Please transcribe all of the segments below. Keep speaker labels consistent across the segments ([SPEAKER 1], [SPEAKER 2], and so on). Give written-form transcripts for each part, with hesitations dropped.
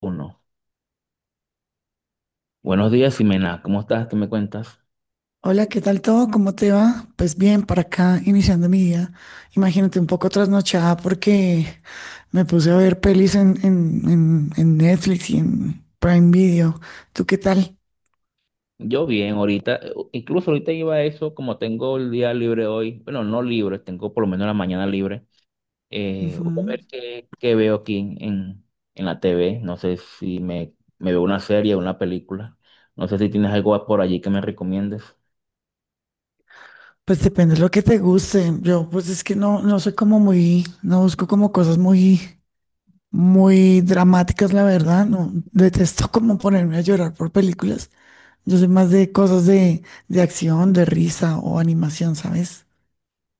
[SPEAKER 1] Uno. Buenos días, Ximena. ¿Cómo estás? ¿Qué me cuentas?
[SPEAKER 2] Hola, ¿qué tal todo? ¿Cómo te va? Pues bien, para acá, iniciando mi día. Imagínate un poco trasnochada porque me puse a ver pelis en Netflix y en Prime Video. ¿Tú qué tal?
[SPEAKER 1] Yo bien, ahorita, incluso ahorita iba a eso, como tengo el día libre hoy, bueno, no libre, tengo por lo menos la mañana libre. Voy a
[SPEAKER 2] Ujú.
[SPEAKER 1] ver qué veo aquí en la TV. No sé si me veo una serie o una película. No sé si tienes algo por allí que me recomiendes.
[SPEAKER 2] Pues depende de lo que te guste. Yo, pues es que no soy como muy, no busco como cosas muy, muy dramáticas, la verdad. No, detesto como ponerme a llorar por películas. Yo soy más de cosas de acción, de risa o animación, ¿sabes?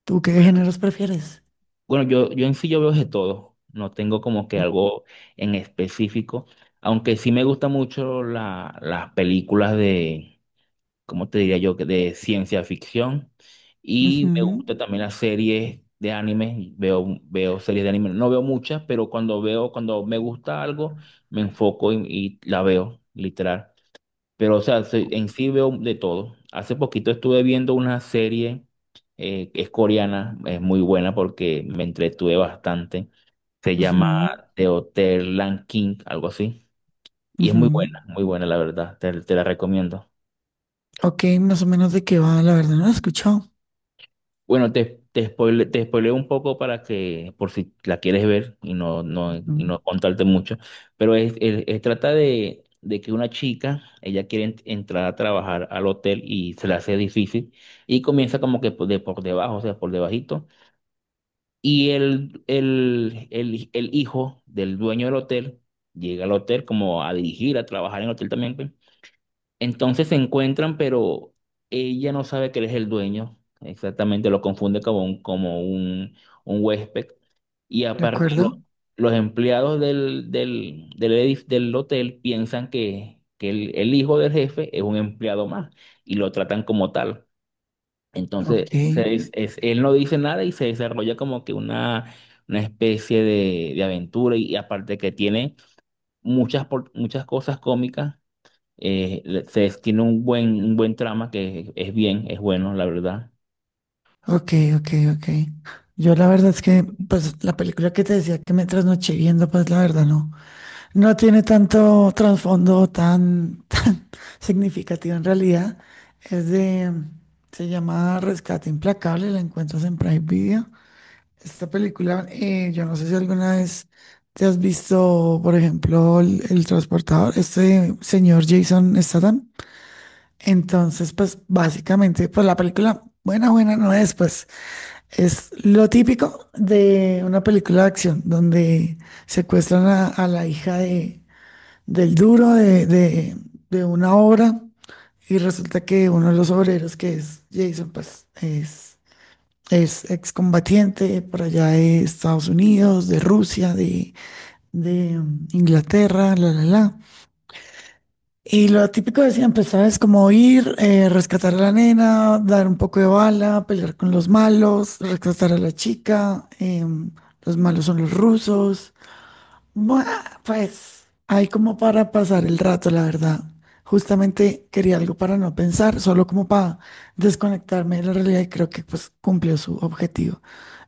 [SPEAKER 2] ¿Tú qué géneros prefieres?
[SPEAKER 1] Bueno, yo en sí yo veo de todo. No tengo como que algo en específico, aunque sí me gustan mucho las películas de, como te diría yo, que de ciencia ficción. Y me
[SPEAKER 2] Ujú,
[SPEAKER 1] gusta también las series de anime. Veo series de anime. No veo muchas, pero cuando veo, cuando me gusta algo, me enfoco y la veo, literal. Pero, o sea, en sí veo de todo. Hace poquito estuve viendo una serie, que es coreana, es muy buena porque me entretuve bastante. Se llama
[SPEAKER 2] ujú,
[SPEAKER 1] The Hotel Lan King, algo así. Y es
[SPEAKER 2] ujú.
[SPEAKER 1] muy buena, la verdad. Te la recomiendo.
[SPEAKER 2] Ok, más o menos de qué va, la verdad no lo he escuchado.
[SPEAKER 1] Bueno, te spoileo un poco para que, por si la quieres ver y no, no,
[SPEAKER 2] Ujú.
[SPEAKER 1] y no contarte mucho, pero trata de que una chica, ella quiere entrar a trabajar al hotel y se le hace difícil, y comienza como que por debajo, o sea, por debajito, y el hijo del dueño del hotel llega al hotel como a dirigir, a trabajar en el hotel también, pues, entonces se encuentran, pero ella no sabe que él es el dueño. Exactamente, lo confunde como un huésped. Y
[SPEAKER 2] ¿De
[SPEAKER 1] aparte, los,
[SPEAKER 2] acuerdo?
[SPEAKER 1] los empleados del hotel piensan que el hijo del jefe es un empleado más y lo tratan como tal. Entonces,
[SPEAKER 2] Ok,
[SPEAKER 1] él no dice nada y se desarrolla como que una especie de aventura y aparte que tiene muchas cosas cómicas, tiene un buen trama que es bueno, la verdad.
[SPEAKER 2] ok, ok, ok. Yo la verdad es que, pues, la película que te decía que me trasnoché viendo, pues, la verdad no. No tiene tanto trasfondo tan, tan significativo en realidad. Es de, Se llama Rescate Implacable, la encuentras en Prime Video. Esta película, yo no sé si alguna vez te has visto, por ejemplo, el transportador, este señor Jason Statham. Entonces, pues básicamente, pues la película buena, buena no es, pues es lo típico de una película de acción, donde secuestran a la hija del duro de una obra, y resulta que uno de los obreros, que es Jason, pues es excombatiente por allá de Estados Unidos, de Rusia, de Inglaterra, la. Y lo típico de siempre, ¿sabes? Como ir, rescatar a la nena, dar un poco de bala, pelear con los malos, rescatar a la chica, los malos son los rusos. Buah, pues hay como para pasar el rato, la verdad. Justamente quería algo para no pensar, solo como para desconectarme de la realidad, y creo que pues cumplió su objetivo.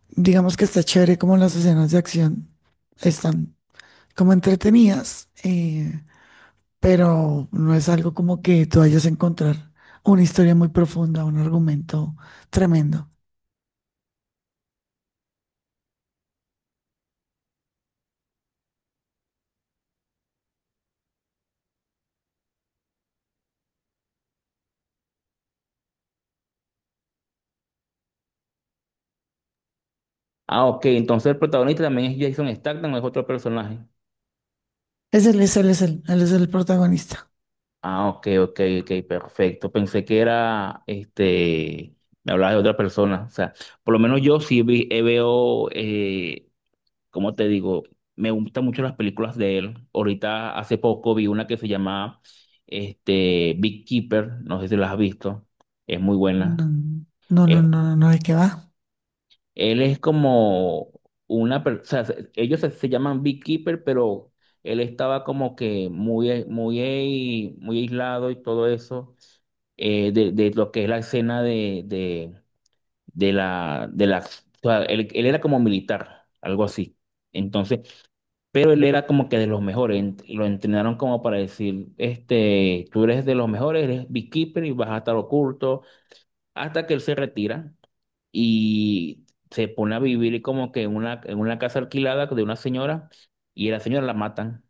[SPEAKER 2] Digamos que está chévere, como las escenas de acción están como entretenidas, pero no es algo como que tú vayas a encontrar una historia muy profunda, un argumento tremendo.
[SPEAKER 1] Ah, ok, entonces el protagonista también es Jason Statham, ¿o es otro personaje?
[SPEAKER 2] Es él, es él, es él, él es el protagonista.
[SPEAKER 1] Ah, ok, ok, ok, perfecto. Pensé que era, este, me hablabas de otra persona. O sea, por lo menos yo sí veo, ¿cómo te digo? Me gustan mucho las películas de él. Ahorita, hace poco, vi una que se llama, este, Keeper, no sé si la has visto. Es muy buena.
[SPEAKER 2] No, no, no, ¿de qué va?
[SPEAKER 1] Él es como una persona, ellos se llaman Beekeeper, pero él estaba como que muy, muy, muy aislado y todo eso, de lo que es la escena de la, o sea, él era como militar, algo así. Entonces, pero él era como que de los mejores, lo entrenaron como para decir, este, tú eres de los mejores, eres Beekeeper y vas a estar oculto hasta que él se retira y se pone a vivir como que en una casa alquilada de una señora, y a la señora la matan.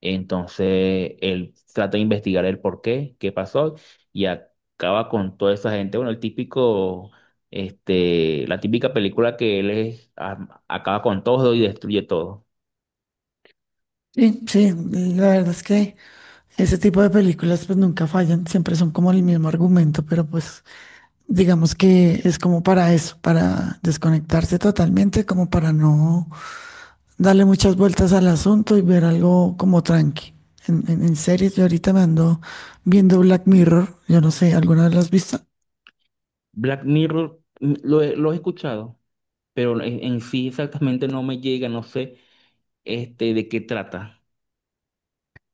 [SPEAKER 1] Entonces él trata de investigar el por qué, qué pasó, y acaba con toda esa gente. Bueno, el típico, este, la típica película que él acaba con todo y destruye todo.
[SPEAKER 2] Sí, sí, la verdad es que ese tipo de películas pues nunca fallan, siempre son como el mismo argumento, pero pues digamos que es como para eso, para desconectarse totalmente, como para no darle muchas vueltas al asunto y ver algo como tranqui. En series, yo ahorita me ando viendo Black Mirror. Yo no sé, ¿alguna vez la has visto?
[SPEAKER 1] Black Mirror, lo he escuchado, pero en sí exactamente no me llega, no sé, este, de qué trata.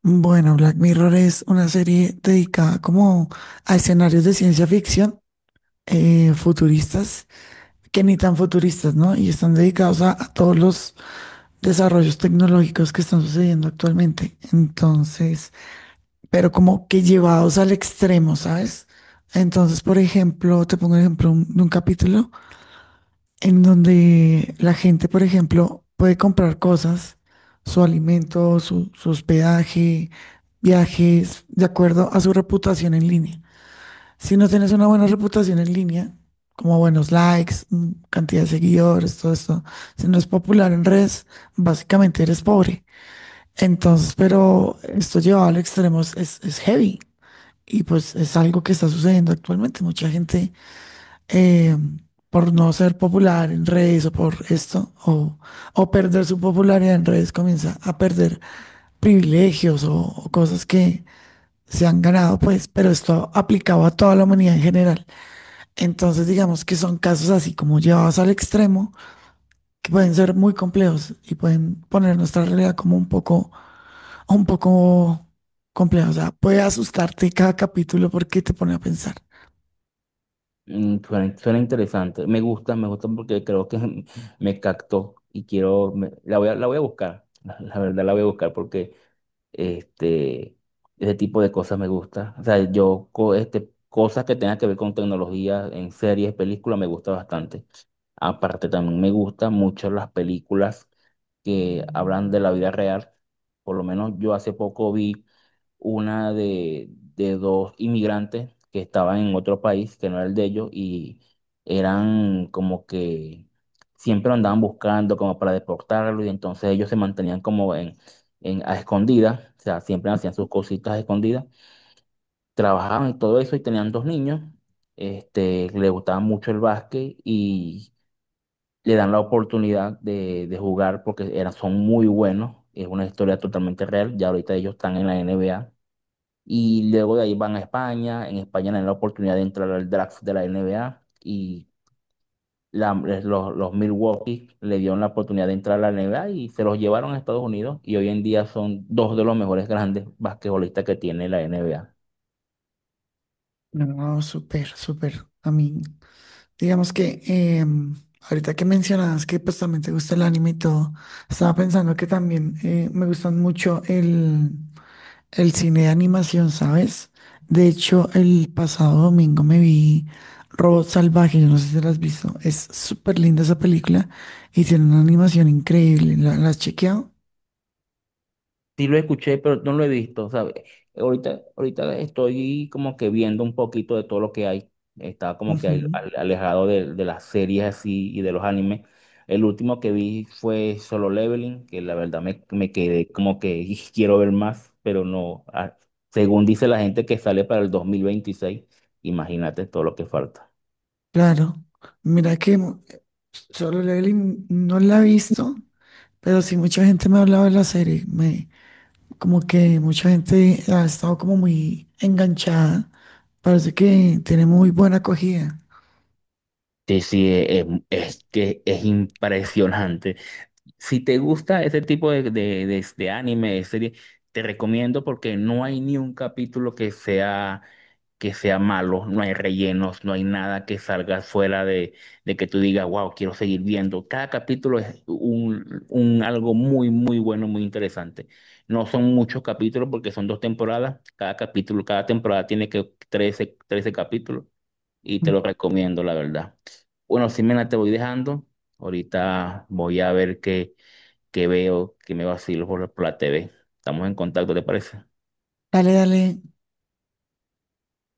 [SPEAKER 2] Bueno, Black Mirror es una serie dedicada como a escenarios de ciencia ficción futuristas, que ni tan futuristas, ¿no? Y están dedicados a todos los desarrollos tecnológicos que están sucediendo actualmente. Entonces, pero como que llevados al extremo, ¿sabes? Entonces, por ejemplo, te pongo un ejemplo de un capítulo en donde la gente, por ejemplo, puede comprar cosas, su alimento, su hospedaje, viajes, de acuerdo a su reputación en línea. Si no tienes una buena reputación en línea, como buenos likes, cantidad de seguidores, todo esto, si no es popular en redes, básicamente eres pobre. Entonces, pero esto llevado al extremo es heavy, y pues es algo que está sucediendo actualmente. Mucha gente eh, por no ser popular en redes o por esto, o perder su popularidad en redes, comienza a perder privilegios o cosas que se han ganado, pues, pero esto aplicado a toda la humanidad en general. Entonces, digamos que son casos así como llevados al extremo, que pueden ser muy complejos y pueden poner nuestra realidad como un poco compleja. O sea, puede asustarte cada capítulo porque te pone a pensar.
[SPEAKER 1] Suena interesante. Me gusta porque creo que me captó y quiero, la voy a buscar. La verdad la voy a buscar porque este, ese tipo de cosas me gusta. O sea, este, cosas que tengan que ver con tecnología en series, películas, me gusta bastante. Aparte, también me gustan mucho las películas que hablan de la vida real. Por lo menos yo hace poco vi una de dos inmigrantes que estaban en otro país que no era el de ellos, y eran como que siempre lo andaban buscando como para deportarlo, y entonces ellos se mantenían como en a escondidas, o sea, siempre hacían sus cositas a escondidas, trabajaban y todo eso, y tenían dos niños. Este, le gustaba mucho el básquet y le dan la oportunidad de jugar porque eran, son muy buenos. Es una historia totalmente real. Ya ahorita ellos están en la NBA. Y luego de ahí van a España. En España tienen la oportunidad de entrar al draft de la NBA. Y los Milwaukee le dieron la oportunidad de entrar a la NBA y se los llevaron a Estados Unidos. Y hoy en día son dos de los mejores grandes basquetbolistas que tiene la NBA.
[SPEAKER 2] No, súper, súper. A mí digamos que ahorita que mencionabas que pues también te gusta el anime y todo, estaba pensando que también me gustan mucho el cine de animación, ¿sabes? De hecho, el pasado domingo me vi Robot Salvaje. Yo no sé si la has visto, es súper linda esa película y tiene una animación increíble. La has chequeado?
[SPEAKER 1] Sí, lo escuché, pero no lo he visto, ¿sabes? Ahorita estoy como que viendo un poquito de todo lo que hay. Estaba como que
[SPEAKER 2] Ujú.
[SPEAKER 1] alejado de las series así y de los animes. El último que vi fue Solo Leveling, que la verdad me quedé como que "Ih, quiero ver más, pero no". Según dice la gente que sale para el 2026, imagínate todo lo que falta.
[SPEAKER 2] Claro, mira que Solo Leveling no la he visto, pero sí mucha gente me ha hablado de la serie. Me, como que mucha gente ha estado como muy enganchada. Parece que tiene muy buena acogida.
[SPEAKER 1] Sí, sí, es que es impresionante. Si te gusta ese tipo de anime, de serie, te recomiendo porque no hay ni un capítulo que sea malo, no hay rellenos, no hay nada que salga fuera de que tú digas, wow, quiero seguir viendo. Cada capítulo es un algo muy, muy bueno, muy interesante. No son muchos capítulos porque son dos temporadas. Cada capítulo, cada temporada tiene que trece capítulos y te
[SPEAKER 2] Ujú.
[SPEAKER 1] lo recomiendo, la verdad. Bueno, Simena, te voy dejando. Ahorita voy a ver qué que veo, que me vacilo por la TV. Estamos en contacto, ¿te parece?
[SPEAKER 2] Dale, dale,